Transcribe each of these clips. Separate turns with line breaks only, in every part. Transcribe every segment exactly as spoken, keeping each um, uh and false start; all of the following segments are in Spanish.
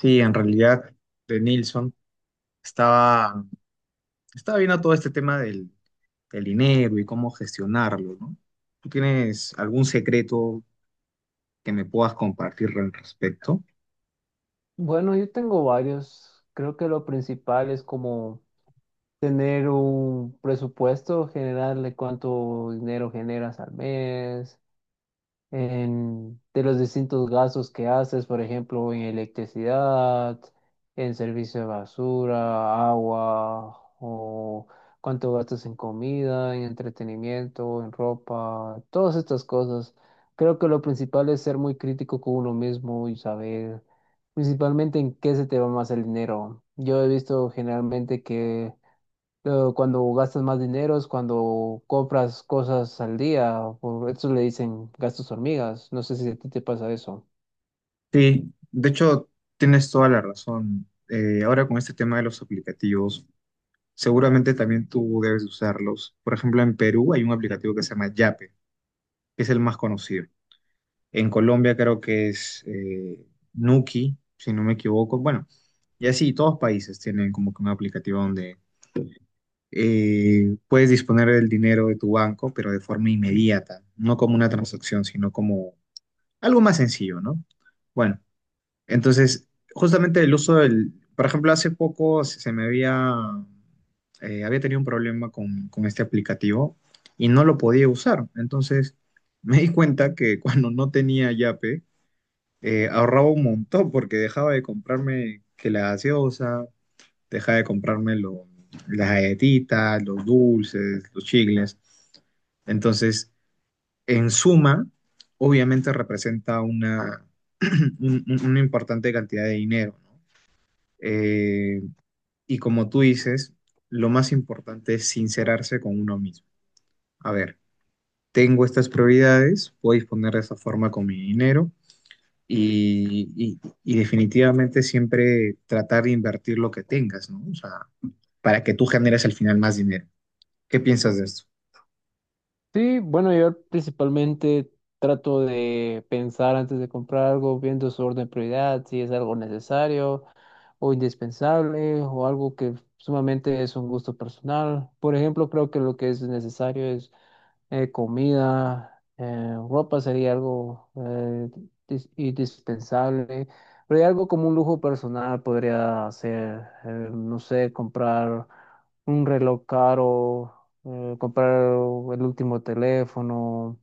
Sí, en realidad, de Nilsson estaba, estaba viendo todo este tema del, del dinero y cómo gestionarlo, ¿no? ¿Tú tienes algún secreto que me puedas compartir al respecto?
Bueno, yo tengo varios. Creo que lo principal es como tener un presupuesto general de cuánto dinero generas al mes, en- de los distintos gastos que haces, por ejemplo, en electricidad, en servicio de basura, agua, o cuánto gastas en comida, en entretenimiento, en ropa, todas estas cosas. Creo que lo principal es ser muy crítico con uno mismo y saber principalmente en qué se te va más el dinero. Yo he visto generalmente que eh, cuando gastas más dinero es cuando compras cosas al día, por eso le dicen gastos hormigas. No sé si a ti te pasa eso.
Sí, de hecho, tienes toda la razón. Eh, ahora con este tema de los aplicativos, seguramente también tú debes usarlos. Por ejemplo, en Perú hay un aplicativo que se llama Yape, que es el más conocido. En Colombia creo que es eh, Nuki, si no me equivoco. Bueno, y así, todos países tienen como que un aplicativo donde eh, puedes disponer del dinero de tu banco, pero de forma inmediata, no como una transacción, sino como algo más sencillo, ¿no? Bueno, entonces, justamente el uso del, por ejemplo, hace poco se se me había, eh, había tenido un problema con, con este aplicativo y no lo podía usar. Entonces, me di cuenta que cuando no tenía Yape, eh, ahorraba un montón porque dejaba de comprarme que la gaseosa deja de comprarme lo- las galletitas, los dulces, los chicles. Entonces, en suma, obviamente representa una, un- un- una importante cantidad de dinero, ¿no? Eh, y como tú dices, lo más importante es sincerarse con uno mismo. A ver, tengo estas prioridades, puedo disponer de esta forma con mi dinero y, y- y definitivamente siempre tratar de invertir lo que tengas, ¿no? O sea, para que tú generes al final más dinero. ¿Qué piensas de esto?
Sí, bueno, yo principalmente trato de pensar antes de comprar algo, viendo su orden de prioridad, si es algo necesario o indispensable o algo que sumamente es un gusto personal. Por ejemplo, creo que lo que es necesario es eh, comida, eh, ropa sería algo eh, dis- indispensable, pero hay algo como un lujo personal podría ser, eh, no sé, comprar un reloj caro, eh, comprar el último teléfono,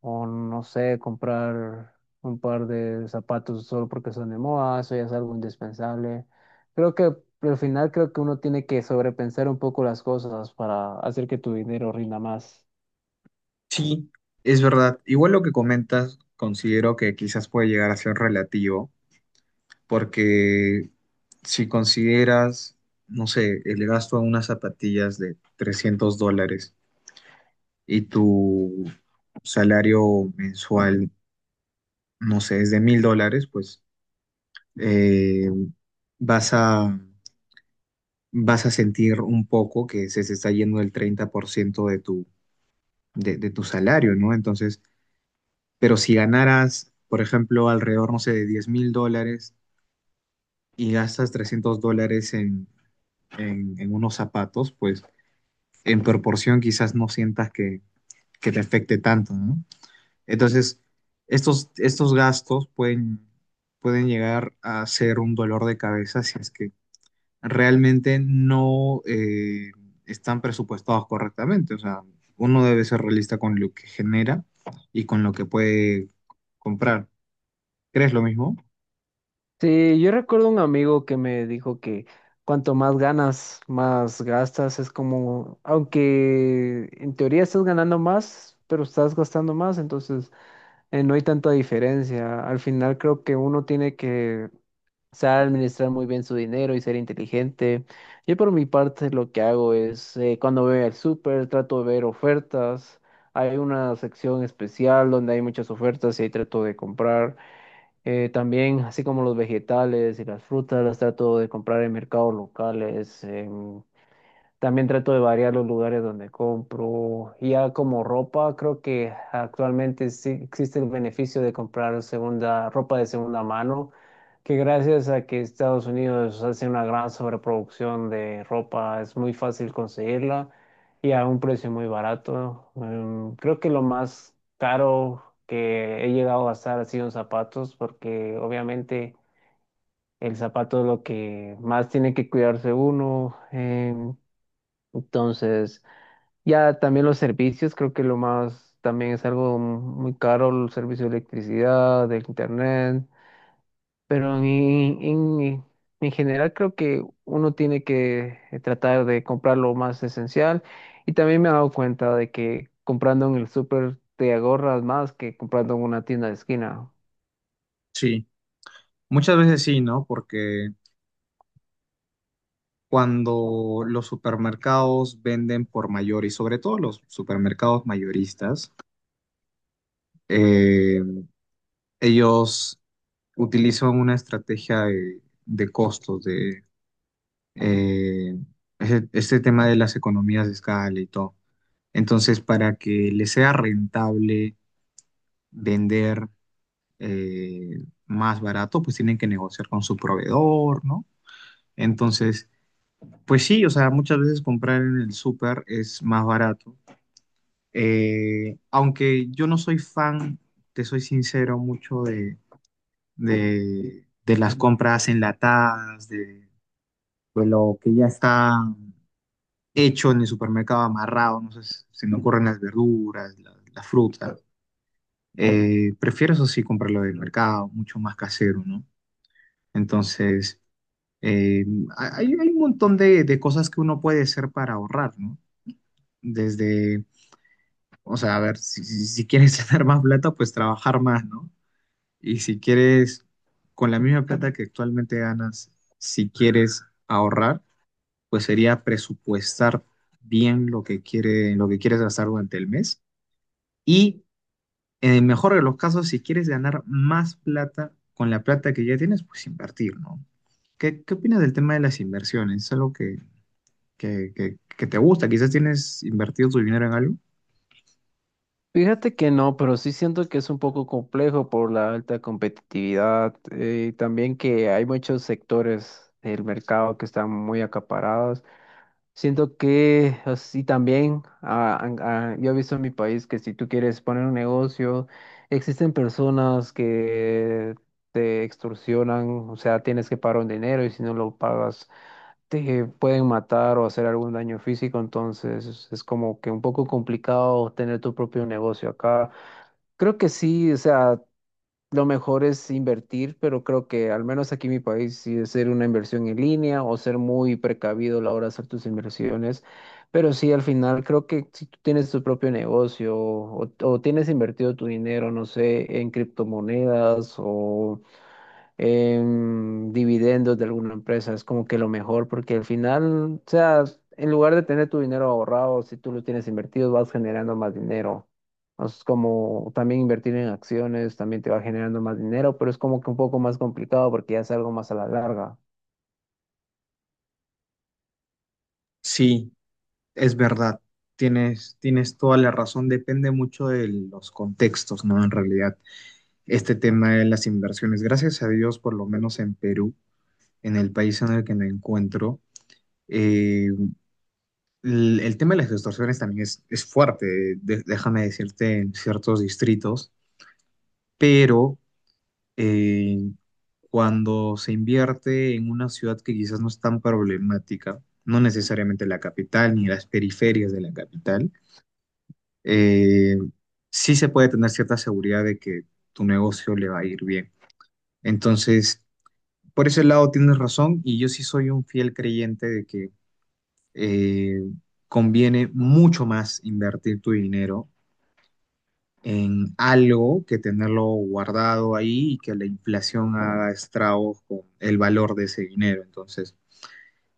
o no sé, comprar un par de zapatos solo porque son de moda, eso ya es algo indispensable. Creo que Al final creo que uno tiene que sobrepensar un poco las cosas para hacer que tu dinero rinda más.
Sí, es verdad. Igual lo que comentas, considero que quizás puede llegar a ser relativo, porque si consideras, no sé, el gasto a unas zapatillas de trescientos dólares y tu salario mensual, no sé, es de mil dólares, pues eh, vas a, vas a sentir un poco que se, se está yendo el treinta por ciento de tu, de, de tu salario, ¿no? Entonces. Pero si ganaras, por ejemplo, alrededor, no sé, de diez mil dólares y gastas trescientos dólares en, en, en unos zapatos, pues en proporción quizás no sientas que, que te afecte tanto, ¿no? Entonces, estos, estos gastos pueden, pueden llegar a ser un dolor de cabeza si es que realmente no eh, están presupuestados correctamente. O sea, uno debe ser realista con lo que genera y con lo que puede comprar. ¿Crees lo mismo?
Sí, yo recuerdo un amigo que me dijo que cuanto más ganas, más gastas. Es como, aunque en teoría estás ganando más, pero estás gastando más, entonces eh, no hay tanta diferencia. Al final creo que uno tiene que saber administrar muy bien su dinero y ser inteligente. Yo por mi parte lo que hago es, eh, cuando voy al súper, trato de ver ofertas. Hay una sección especial donde hay muchas ofertas y ahí trato de comprar. Eh, también, así como los vegetales y las frutas, las trato de comprar en mercados locales, también trato de variar los lugares donde compro. Y Ya como ropa, creo que actualmente sí existe el beneficio de comprar segunda, ropa de segunda mano, que gracias a que Estados Unidos hace una gran sobreproducción de ropa, es muy fácil conseguirla y a un precio muy barato. Em, creo que lo más caro que he llegado a gastar ha sido en zapatos, porque obviamente el zapato es lo que más tiene que cuidarse uno. Em, entonces, ya también los servicios, creo que lo más también es algo muy caro, el servicio de electricidad, del internet, pero en, en, en general creo que uno tiene que eh, tratar de comprar lo más esencial y también me he dado cuenta de que comprando en el súper te ahorras más que comprando en una tienda de esquina.
Sí, muchas veces sí, ¿no? Porque cuando los supermercados venden por mayor y sobre todo los supermercados mayoristas, eh, ellos utilizan una estrategia de, de costos, de eh, ese- este tema de las economías de escala y todo. Entonces, para que les sea rentable vender eh, más barato, pues tienen que negociar con su proveedor, ¿no? Entonces. Pues sí, o sea, muchas veces comprar en el súper es más barato. Eh, aunque yo no soy fan, te soy sincero, mucho de, de, de las compras enlatadas, de, de lo que ya está hecho en el supermercado amarrado, no sé, si- se me ocurren las verduras, la- las frutas. Eh, prefiero eso sí comprarlo del mercado, mucho más casero, ¿no? Entonces, eh, hay, hay un montón de, de cosas que uno puede hacer para ahorrar, ¿no? Desde O sea, a ver, si, si- si quieres ganar más plata, pues trabajar más, ¿no? Y si quieres, con la misma plata que actualmente ganas, si quieres ahorrar, pues sería presupuestar bien lo que quiere, lo que quieres gastar durante el mes. Y en el mejor de los casos, si quieres ganar más plata con la plata que ya tienes, pues invertir, ¿no? ¿Qué, qué opinas del tema de las inversiones? ¿Es algo que, que, que, que te gusta? ¿Quizás tienes invertido tu dinero en algo?
Fíjate que no, pero sí siento que es un poco complejo por la alta competitividad eh, y también que hay muchos sectores del mercado que están muy acaparados. Siento que así también, ah, han- ah, yo he visto en mi país que si tú quieres poner un negocio, existen personas que te extorsionan, o sea, tienes que pagar un dinero y si no lo pagas te pueden matar o hacer algún daño físico, entonces es como que un poco complicado tener tu propio negocio acá. Creo que sí, o sea, lo mejor es invertir, pero creo que al menos aquí en mi país sí es ser una inversión en línea o ser muy precavido a la hora de hacer tus inversiones. Pero sí, al final creo que si tú tienes tu propio negocio o, o tienes invertido tu dinero, no sé, en criptomonedas o em, dividendos de alguna empresa. Es como que lo mejor, porque al final, o sea, en lugar de tener tu dinero ahorrado, si tú lo tienes invertido, vas generando más dinero. O Es como también invertir en acciones, también te va generando más dinero, pero es como que un poco más complicado porque ya es algo más a la larga.
Sí. Es verdad, tienes, tienes toda la razón, depende mucho de los contextos, ¿no? En realidad, este tema de las inversiones, gracias a Dios, por lo menos en Perú, en el país en el que me encuentro, eh, el, el tema de las extorsiones también es, es fuerte, de- déjame decirte, en ciertos distritos, pero eh, cuando se invierte en una ciudad que quizás no es tan problemática, no necesariamente la capital ni las periferias de la capital, eh, sí se puede tener cierta seguridad de que tu negocio le va a ir bien. Entonces, por ese lado tienes razón y yo sí soy un fiel creyente de que eh, conviene mucho más invertir tu dinero en algo que tenerlo guardado ahí y que la inflación haga estragos con el valor de ese dinero. Entonces,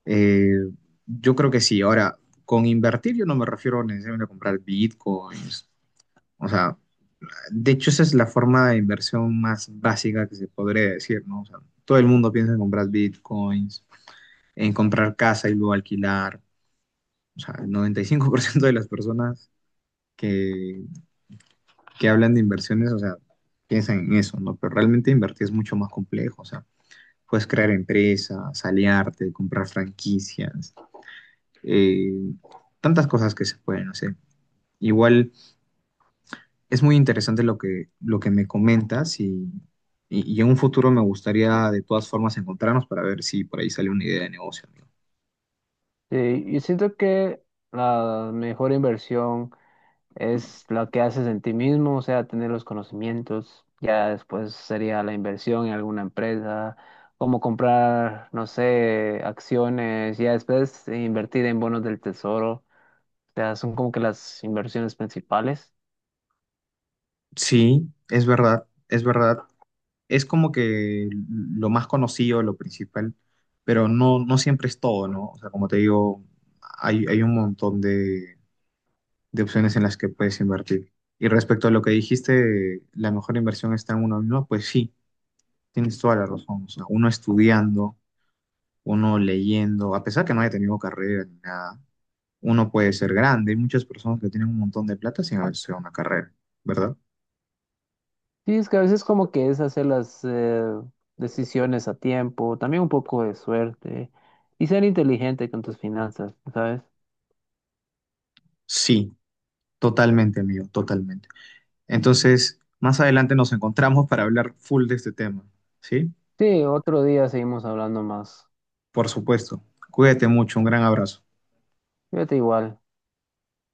eh, yo creo que sí. Ahora, con invertir yo no me refiero necesariamente a comprar bitcoins. O sea, de hecho, esa es la forma de inversión más básica que se podría decir, ¿no? O sea, todo el mundo piensa en comprar bitcoins, en comprar casa y luego alquilar. O sea, el noventa y cinco por ciento de las personas que, que hablan de inversiones, o sea, piensan en eso, ¿no? Pero realmente invertir es mucho más complejo, o sea, puedes crear empresas, aliarte, comprar franquicias, eh, tantas cosas que se pueden hacer. Igual es muy interesante lo que, lo que me comentas y, y- y en un futuro me gustaría de todas formas encontrarnos para ver si por ahí sale una idea de negocio, amigo.
Sí, y siento que la mejor inversión es lo que haces en ti mismo, o sea, tener los conocimientos. Ya después sería la inversión en alguna empresa, como comprar, no sé, acciones, ya después invertir en bonos del tesoro. O sea, son como que las inversiones principales.
Sí, es verdad, es verdad. Es como que lo más conocido, lo principal, pero no, no siempre es todo, ¿no? O sea, como te digo, hay, hay un montón de, de opciones en las que puedes invertir. Y respecto a lo que dijiste, la mejor inversión está en uno mismo, pues sí, tienes toda la razón. O sea, uno estudiando uno leyendo, a pesar que no haya tenido carrera ni nada, uno puede ser grande. Hay muchas personas que tienen un montón de plata sin haber sido una carrera, ¿verdad?
Sí, es que a veces como que es hacer las eh, decisiones a tiempo, también un poco de suerte y ser inteligente con tus finanzas, ¿sabes?
Sí, totalmente, amigo, totalmente. Entonces, más adelante nos encontramos para hablar full de este tema, ¿sí?
Sí, otro día seguimos hablando más.
Por supuesto. Cuídate mucho, un gran abrazo.
Fíjate igual.